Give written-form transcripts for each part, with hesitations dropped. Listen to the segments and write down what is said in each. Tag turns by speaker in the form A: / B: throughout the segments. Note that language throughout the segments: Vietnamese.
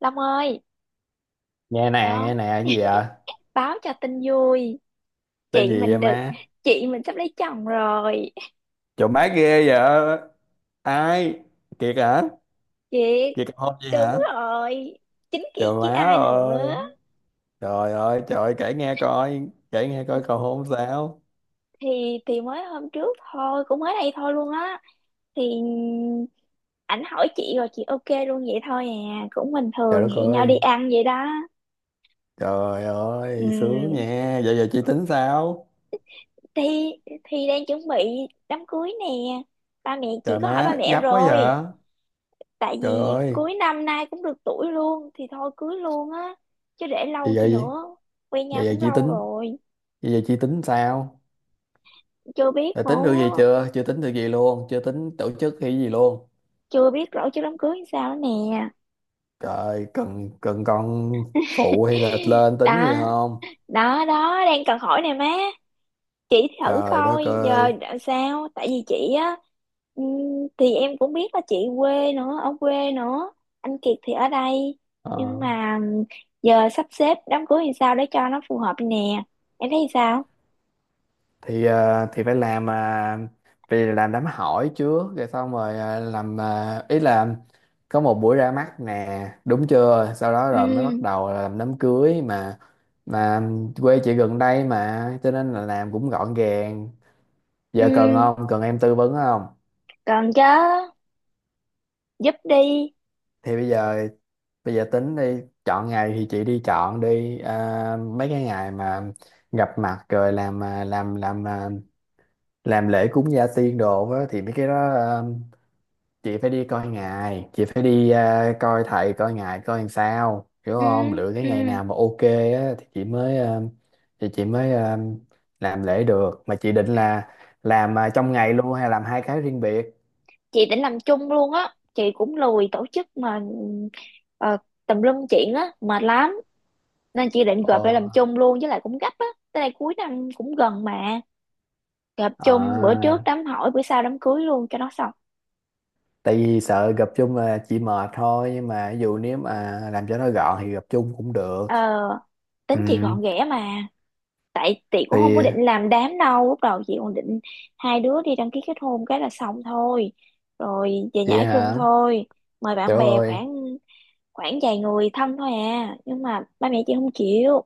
A: Long ơi,
B: Nghe nè, nghe
A: đó,
B: nè, cái gì vậy?
A: báo cho tin vui.
B: Tên
A: Chị
B: gì vậy
A: mình được,
B: má?
A: chị mình sắp lấy chồng rồi.
B: Trời má, ghê vậy! Ai? Kiệt hả?
A: Chị,
B: Kiệt cầu hôn vậy
A: đúng
B: hả?
A: rồi. Chính
B: Trời
A: chị chứ
B: má
A: ai
B: ơi!
A: nữa.
B: Trời ơi, trời ơi, kể nghe coi, kể nghe coi, cầu hôn sao?
A: Thì mới hôm trước thôi, cũng mới đây thôi luôn á. Thì ảnh hỏi chị rồi chị ok luôn vậy thôi à. Cũng bình
B: Trời
A: thường
B: đất
A: hẹn nhau đi
B: ơi!
A: ăn vậy đó.
B: Trời
A: Ừ,
B: ơi, sướng nha. Vậy giờ chị tính sao?
A: thì thì đang chuẩn bị đám cưới nè. Ba mẹ chị
B: Trời
A: có hỏi ba
B: má,
A: mẹ
B: gấp quá
A: rồi.
B: vậy!
A: Tại
B: Trời
A: vì
B: ơi!
A: cuối năm nay cũng được tuổi luôn thì thôi cưới luôn á, chứ để
B: Vậy
A: lâu
B: giờ
A: chi
B: gì
A: nữa, quen nhau
B: vậy giờ
A: cũng
B: chị
A: lâu
B: tính
A: rồi.
B: Vậy giờ chị tính sao?
A: Chưa biết
B: Đã tính được gì
A: nữa,
B: chưa? Chưa tính được gì luôn? Chưa tính tổ chức hay gì luôn?
A: chưa biết rõ chứ đám cưới làm sao nữa nè.
B: Trời, cần cần con phụ hay là lên tính gì
A: Đó,
B: không?
A: đó đó đang cần hỏi nè má. Chị thử
B: Trời đất
A: coi giờ
B: ơi.
A: làm sao, tại vì chị á, thì em cũng biết là chị quê nữa, ở quê nữa, anh Kiệt thì ở đây, nhưng
B: Ờ,
A: mà giờ sắp xếp đám cưới thì sao để cho nó phù hợp nè, em thấy sao?
B: thì phải làm, vì làm đám hỏi trước rồi xong rồi, làm, ý là có một buổi ra mắt nè, đúng chưa? Sau đó rồi mới bắt
A: Ừ,
B: đầu là làm đám cưới mà. mà Quê chị gần đây mà cho nên là làm cũng gọn gàng. Giờ cần
A: ừ.
B: không? Cần em tư vấn không?
A: Cần chứ, giúp đi.
B: Thì bây giờ Bây giờ tính đi chọn ngày thì chị đi chọn đi, mấy cái ngày mà gặp mặt rồi làm, làm lễ cúng gia tiên đồ á, thì mấy cái đó, chị phải đi coi ngày, chị phải đi, coi thầy coi ngày coi làm sao, hiểu
A: Ừ,
B: không? Lựa cái ngày
A: ừ.
B: nào mà ok á, thì chị mới, làm lễ được. Mà chị định là làm, trong ngày luôn hay làm hai cái riêng biệt?
A: Chị định làm chung luôn á. Chị cũng lười tổ chức mà, ờ, tùm lum chuyện á, mệt lắm. Nên chị định gộp lại
B: Ồ,
A: làm chung luôn, với lại cũng gấp á. Tới đây cuối năm cũng gần mà. Gộp chung bữa trước
B: à,
A: đám hỏi, bữa sau đám cưới luôn cho nó xong.
B: tại vì sợ gặp chung là chị mệt thôi, nhưng mà ví dụ nếu mà làm cho nó gọn thì gặp chung cũng được.
A: Ờ,
B: Ừ
A: tính chị gọn ghẽ mà. Tại chị cũng không có
B: thì.
A: định làm đám đâu. Lúc đầu chị còn định hai đứa đi đăng ký kết hôn cái là xong thôi. Rồi về nhà
B: Vậy
A: ở chung
B: hả?
A: thôi. Mời
B: Trời
A: bạn bè
B: ơi.
A: khoảng khoảng vài người thân thôi à, nhưng mà ba mẹ chị không chịu.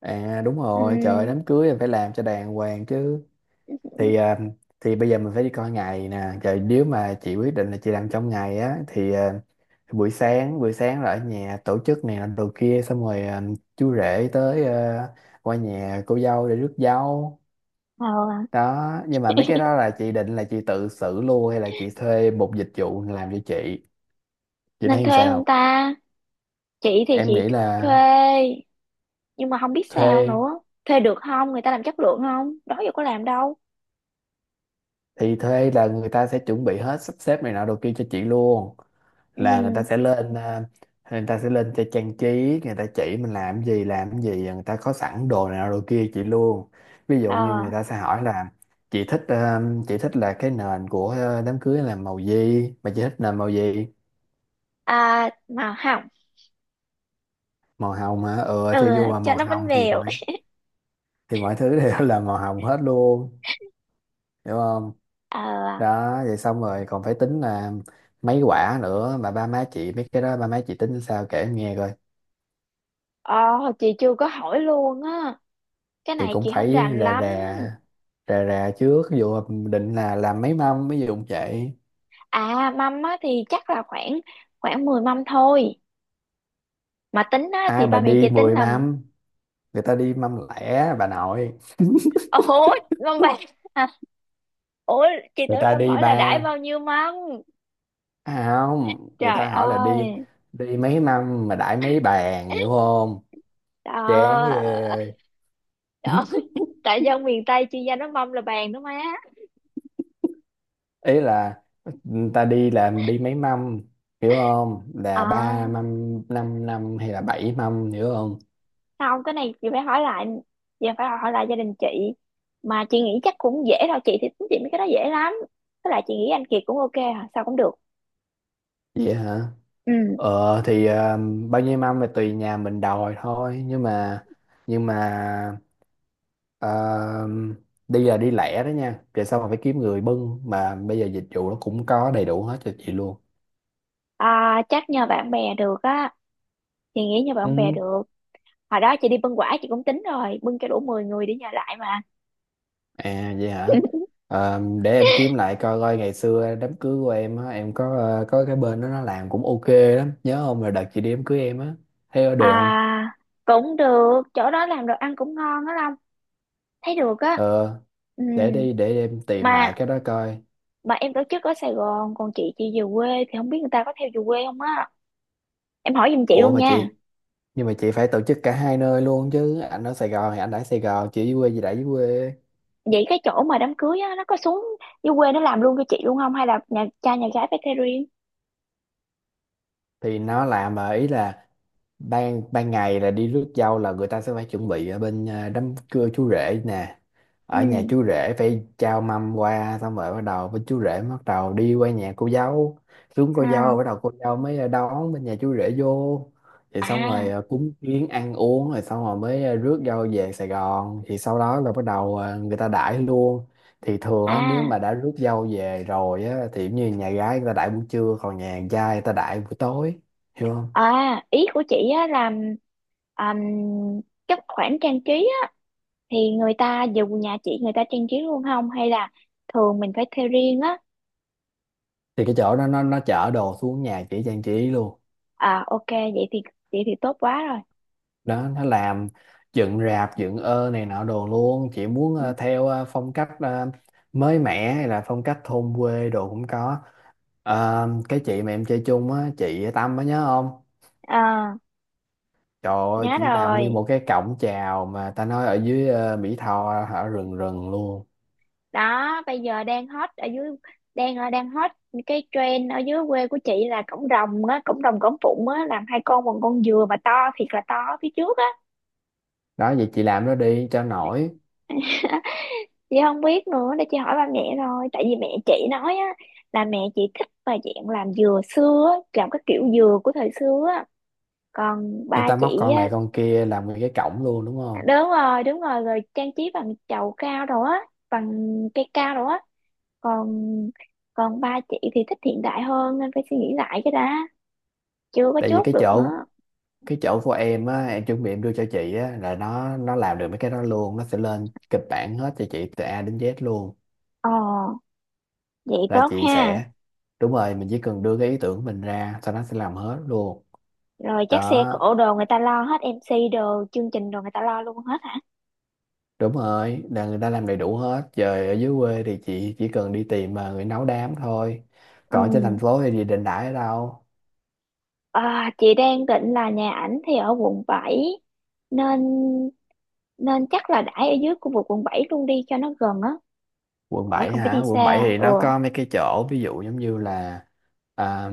B: À, đúng rồi, trời ơi,
A: Ừm,
B: đám cưới là phải làm cho đàng hoàng chứ. thì à, thì bây giờ mình phải đi coi ngày nè, trời! Nếu mà chị quyết định là chị làm trong ngày á thì, buổi sáng, là ở nhà tổ chức này làm đồ kia xong rồi, chú rể tới, qua nhà cô dâu để rước dâu.
A: ờ,
B: Đó, nhưng mà mấy cái đó là chị định là chị tự xử luôn hay là chị thuê một dịch vụ làm cho chị? Chị
A: Nên
B: thấy
A: thuê không
B: sao?
A: ta? Chị thì
B: Em
A: chị
B: nghĩ
A: thuê,
B: là
A: nhưng mà không biết sao
B: thuê.
A: nữa. Thuê được không, người ta làm chất lượng không, đó giờ có làm đâu.
B: Thì thuê là người ta sẽ chuẩn bị hết, sắp xếp này nọ đồ kia cho chị luôn. Là người ta
A: Ừm,
B: sẽ lên à, người ta sẽ lên cho trang trí, người ta chỉ mình làm gì làm gì, người ta có sẵn đồ này nọ đồ kia chị luôn. Ví dụ như người
A: ờ,
B: ta sẽ hỏi là chị thích à, chị thích là cái nền của, đám cưới là màu gì, mà chị thích nền màu gì?
A: mà không,
B: Màu hồng hả? Ừ,
A: ừ,
B: thì vô vào
A: cho
B: màu
A: nó bánh
B: hồng thì
A: bèo.
B: mọi, mọi thứ đều là màu hồng hết luôn. Hiểu không?
A: Ờ.
B: Đó, vậy xong rồi còn phải tính là mấy quả nữa. Mà ba má chị mấy cái đó, ba má chị tính sao, kể em nghe coi.
A: Ờ, chị chưa có hỏi luôn á, cái
B: Thì
A: này
B: cũng
A: chị không
B: phải
A: rành
B: rà
A: lắm.
B: rà, trước. Ví dụ định là làm mấy mâm, ví dụ vậy.
A: À, mâm á thì chắc là khoảng khoảng 10 mâm thôi, mà tính á
B: Ai
A: thì
B: mà
A: ba mẹ chị
B: đi
A: tính
B: 10
A: là
B: mâm? Người ta đi mâm lẻ, bà nội.
A: ủa mâm bạc. À, ủa, chị
B: Người
A: tưởng
B: ta
A: em
B: đi
A: hỏi là đãi
B: ba.
A: bao nhiêu mâm.
B: À không, người
A: Trời
B: ta hỏi là đi,
A: ơi.
B: mấy mâm mà đãi mấy bàn, hiểu không? Chán
A: Đó,
B: ghê.
A: đó. Tại dân miền Tây chuyên gia nó mâm là bàn đó má.
B: Ý là, ừ, ta đi làm đi mấy mâm, hiểu không? Là ba
A: À
B: mâm, năm năm, hay là bảy mâm, hiểu không?
A: không, cái này chị phải hỏi lại, giờ phải hỏi lại gia đình chị. Mà chị nghĩ chắc cũng dễ thôi, chị thì tính chị mấy cái đó dễ lắm, với lại chị nghĩ anh Kiệt cũng ok, hả sao cũng được.
B: Vậy hả?
A: Ừ.
B: ờ thì ờ, bao nhiêu mâm là tùy nhà mình đòi thôi, nhưng mà, nhưng mà ờ, đi là đi lẻ đó nha. Về sau mà phải kiếm người bưng. Mà bây giờ dịch vụ nó cũng có đầy đủ hết cho chị luôn.
A: À, chắc nhờ bạn bè được á, chị nghĩ nhờ bạn bè
B: Ừ.
A: được. Hồi đó chị đi bưng quả chị cũng tính rồi, bưng cho đủ 10 người để nhờ lại mà.
B: À vậy hả? Ờ, để em kiếm lại coi coi ngày xưa đám cưới của em á, em có cái bên đó nó làm cũng ok lắm, nhớ không? Rồi đợt chị đi đám cưới em á, thấy có được không?
A: À, cũng được, chỗ đó làm đồ ăn cũng ngon á Long, thấy được á.
B: Ờ,
A: Ừ,
B: để em tìm lại
A: mà
B: cái đó coi.
A: mà em tổ chức ở Sài Gòn, còn chị về quê thì không biết người ta có theo về quê không á. Em hỏi giùm chị
B: Ủa
A: luôn
B: mà
A: nha.
B: chị, nhưng mà chị phải tổ chức cả hai nơi luôn chứ. Anh ở Sài Gòn thì anh ở Sài Gòn, chị ở dưới quê thì đã dưới quê.
A: Vậy cái chỗ mà đám cưới á, nó có xuống dưới quê nó làm luôn cho chị luôn không hay là nhà cha nhà gái phải thuê riêng?
B: Thì nó làm, mà ý là ban ban ngày là đi rước dâu, là người ta sẽ phải chuẩn bị ở bên, đám cưa chú rể nè.
A: Ừ.
B: Ở nhà chú rể phải trao mâm qua, xong rồi bắt đầu bên chú rể bắt đầu đi qua nhà cô dâu. Xuống cô
A: À,
B: dâu, bắt đầu cô dâu mới, đón bên nhà chú rể vô. Thì xong rồi,
A: à,
B: cúng kiến ăn uống rồi xong rồi mới, rước dâu về Sài Gòn, thì sau đó là bắt đầu, người ta đãi luôn. Thì thường á, nếu
A: à,
B: mà đã rước dâu về rồi á, thì giống như nhà gái người ta đãi buổi trưa, còn nhà trai người ta đãi buổi tối. Hiểu không?
A: Ý của chị á là, um, các khoản trang trí á, thì người ta dù nhà chị người ta trang trí luôn không hay là thường mình phải thuê riêng á?
B: Thì cái chỗ đó nó chở đồ xuống nhà chị trang trí luôn.
A: À ok, vậy thì tốt quá rồi.
B: Đó, nó làm dựng rạp, dựng, này nọ đồ luôn. Chị muốn,
A: Ừ.
B: theo, phong cách, mới mẻ hay là phong cách thôn quê đồ cũng có. Ờ, cái chị mà em chơi chung á, chị Tâm á, nhớ không?
A: À,
B: Trời ơi,
A: nhớ
B: chị làm nguyên
A: rồi.
B: một cái cổng chào mà, ta nói ở dưới, Mỹ Tho, ở rừng rừng luôn.
A: Đó, bây giờ đang hot ở dưới, đang hot. Cái trend ở dưới quê của chị là cổng rồng á, cổng rồng cổng phụng á, làm hai con bằng con dừa mà to thiệt là to ở phía trước á.
B: Đó, vậy chị làm nó đi cho nổi.
A: Chị không biết nữa, để chị hỏi ba mẹ thôi, tại vì mẹ chị nói á, là mẹ chị thích mà dạng làm dừa xưa, á, làm cái kiểu dừa của thời xưa á. Còn
B: Người
A: ba
B: ta móc
A: chị
B: con này
A: á,
B: con kia làm nguyên cái cổng luôn, đúng không?
A: đúng rồi đúng rồi, rồi trang trí bằng chậu cao đồ á, bằng cây cao đồ á, còn còn ba chị thì thích hiện đại hơn nên phải suy nghĩ lại cái đã, chưa có
B: Tại vì
A: chốt
B: cái
A: được
B: chỗ,
A: nữa.
B: của em á, em chuẩn bị em đưa cho chị á, là nó làm được mấy cái đó luôn, nó sẽ lên kịch bản hết cho chị từ A đến Z luôn.
A: Ồ, vậy
B: Là
A: tốt
B: chị
A: ha.
B: sẽ Đúng rồi, mình chỉ cần đưa cái ý tưởng của mình ra, sau đó sẽ làm hết luôn.
A: Rồi chắc xe
B: Đó,
A: cộ đồ người ta lo hết, em xê đồ chương trình đồ người ta lo luôn hết hả?
B: đúng rồi, là người ta làm đầy đủ hết. Giờ ở dưới quê thì chị chỉ cần đi tìm mà người nấu đám thôi.
A: Ừ.
B: Còn ở trên thành phố thì gì, định đãi ở đâu?
A: À, chị đang định là nhà ảnh thì ở quận 7, nên nên chắc là đãi ở dưới khu vực quận 7 luôn đi cho nó gần á,
B: Quận
A: khỏi
B: 7
A: cần phải
B: hả?
A: đi
B: Quận 7
A: xa.
B: thì
A: Ừ.
B: nó có mấy cái chỗ, ví dụ giống như là, à,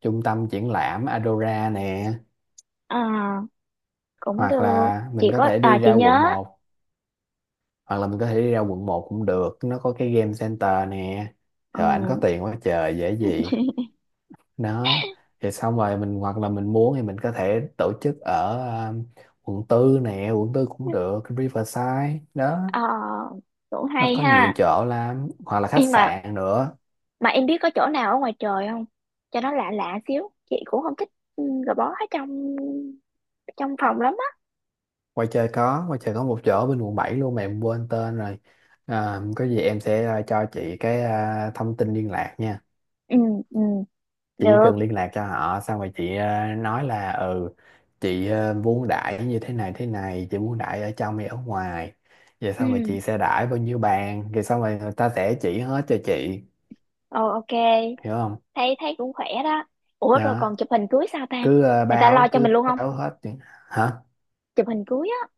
B: trung tâm triển lãm Adora nè,
A: À, cũng
B: hoặc
A: được.
B: là mình
A: Chị
B: có
A: có,
B: thể đi
A: à
B: ra
A: chị
B: quận
A: nhớ.
B: 1. Hoặc là mình có thể đi ra quận một Cũng được, nó có cái game center nè. Rồi
A: Ừ.
B: ảnh có tiền quá trời, dễ gì. Đó, thì xong rồi mình, hoặc là mình muốn thì mình có thể tổ chức ở, um, quận 4 nè, quận 4 cũng được, Riverside đó.
A: À, cũng
B: Nó
A: hay
B: có nhiều
A: ha.
B: chỗ lắm, hoặc là khách
A: Em mà
B: sạn nữa.
A: mà em biết có chỗ nào ở ngoài trời không, cho nó lạ lạ xíu, chị cũng không thích, ừ, gò bó ở trong trong phòng lắm á.
B: Quay chơi có một chỗ bên quận 7 luôn, mà em quên tên rồi. Có gì em sẽ, cho chị cái, thông tin liên lạc nha.
A: Ừ. Ừ.
B: Chị chỉ
A: Được.
B: cần liên lạc cho họ, xong rồi chị, nói là ừ, chị, muốn đãi như thế này thế này, chị muốn đãi ở trong hay ở ngoài. Vậy xong rồi
A: Ừ.
B: chị sẽ đãi bao nhiêu bàn, rồi xong rồi người ta sẽ chỉ hết cho chị.
A: Ồ, ok.
B: Hiểu không?
A: Thấy thấy cũng khỏe đó. Ủa rồi
B: Đó,
A: còn chụp hình cưới sao ta? Người ta lo cho
B: cứ
A: mình luôn không?
B: báo hết những- Hả?
A: Chụp hình cưới á?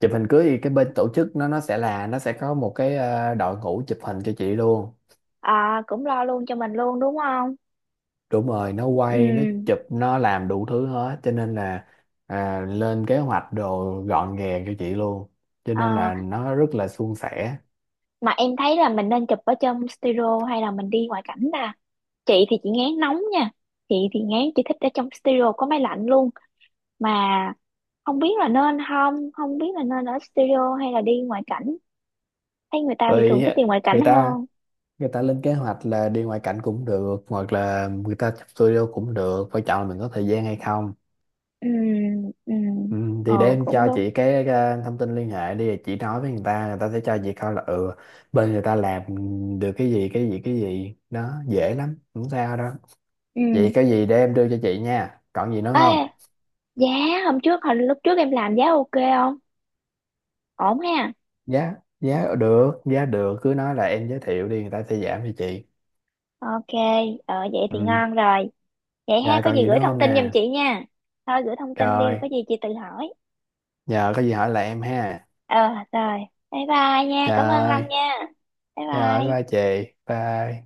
B: Chụp hình cưới thì cái bên tổ chức nó sẽ có một cái, đội ngũ chụp hình cho chị luôn.
A: À, cũng lo luôn cho mình luôn đúng không?
B: Đúng rồi, nó quay, nó
A: Ừ.
B: chụp, nó làm đủ thứ hết, cho nên là, lên kế hoạch đồ gọn gàng cho chị luôn, cho nên
A: Ờ,
B: là nó rất là suôn sẻ.
A: mà em thấy là mình nên chụp ở trong studio hay là mình đi ngoại cảnh ta? Chị thì chị ngán nóng nha, chị thì ngán, chị thích ở trong studio có máy lạnh luôn. Mà không biết là nên, không không biết là nên ở studio hay là đi ngoại cảnh. Thấy người ta thì thường
B: Rồi
A: thích đi ngoại cảnh
B: người ta
A: hơn.
B: người ta lên kế hoạch là đi ngoại cảnh cũng được, hoặc là người ta chụp studio cũng được, quan trọng là mình có thời gian hay không.
A: Ừ. Ừ.
B: Ừ,
A: Ừ.
B: thì để em
A: Cũng
B: cho
A: đúng.
B: chị cái, thông tin liên hệ đi, rồi chị nói với người ta, người ta sẽ cho chị coi là, ừ, bên người ta làm được cái gì cái gì cái gì đó, dễ lắm, không sao đâu. Vậy
A: Ừ.
B: có gì để em đưa cho chị nha. Còn gì nữa
A: Ê,
B: không?
A: giá, hôm trước hồi lúc trước em làm giá ok không? Ổn ha?
B: Giá, giá được, giá được. Cứ nói là em giới thiệu đi, người ta sẽ giảm cho chị.
A: Ok. Vậy thì
B: Ừ.
A: ngon rồi. Vậy ha,
B: Dạ
A: có
B: còn
A: gì
B: gì nữa
A: gửi thông
B: không
A: tin giùm
B: nè?
A: chị nha. Thôi gửi thông tin đi, rồi
B: Trời,
A: có gì chị tự hỏi.
B: giờ có gì hỏi lại em ha.
A: Ờ, rồi, bye bye nha, cảm ơn Long
B: Trời,
A: nha. Bye
B: trời, bye
A: bye.
B: chị. Bye.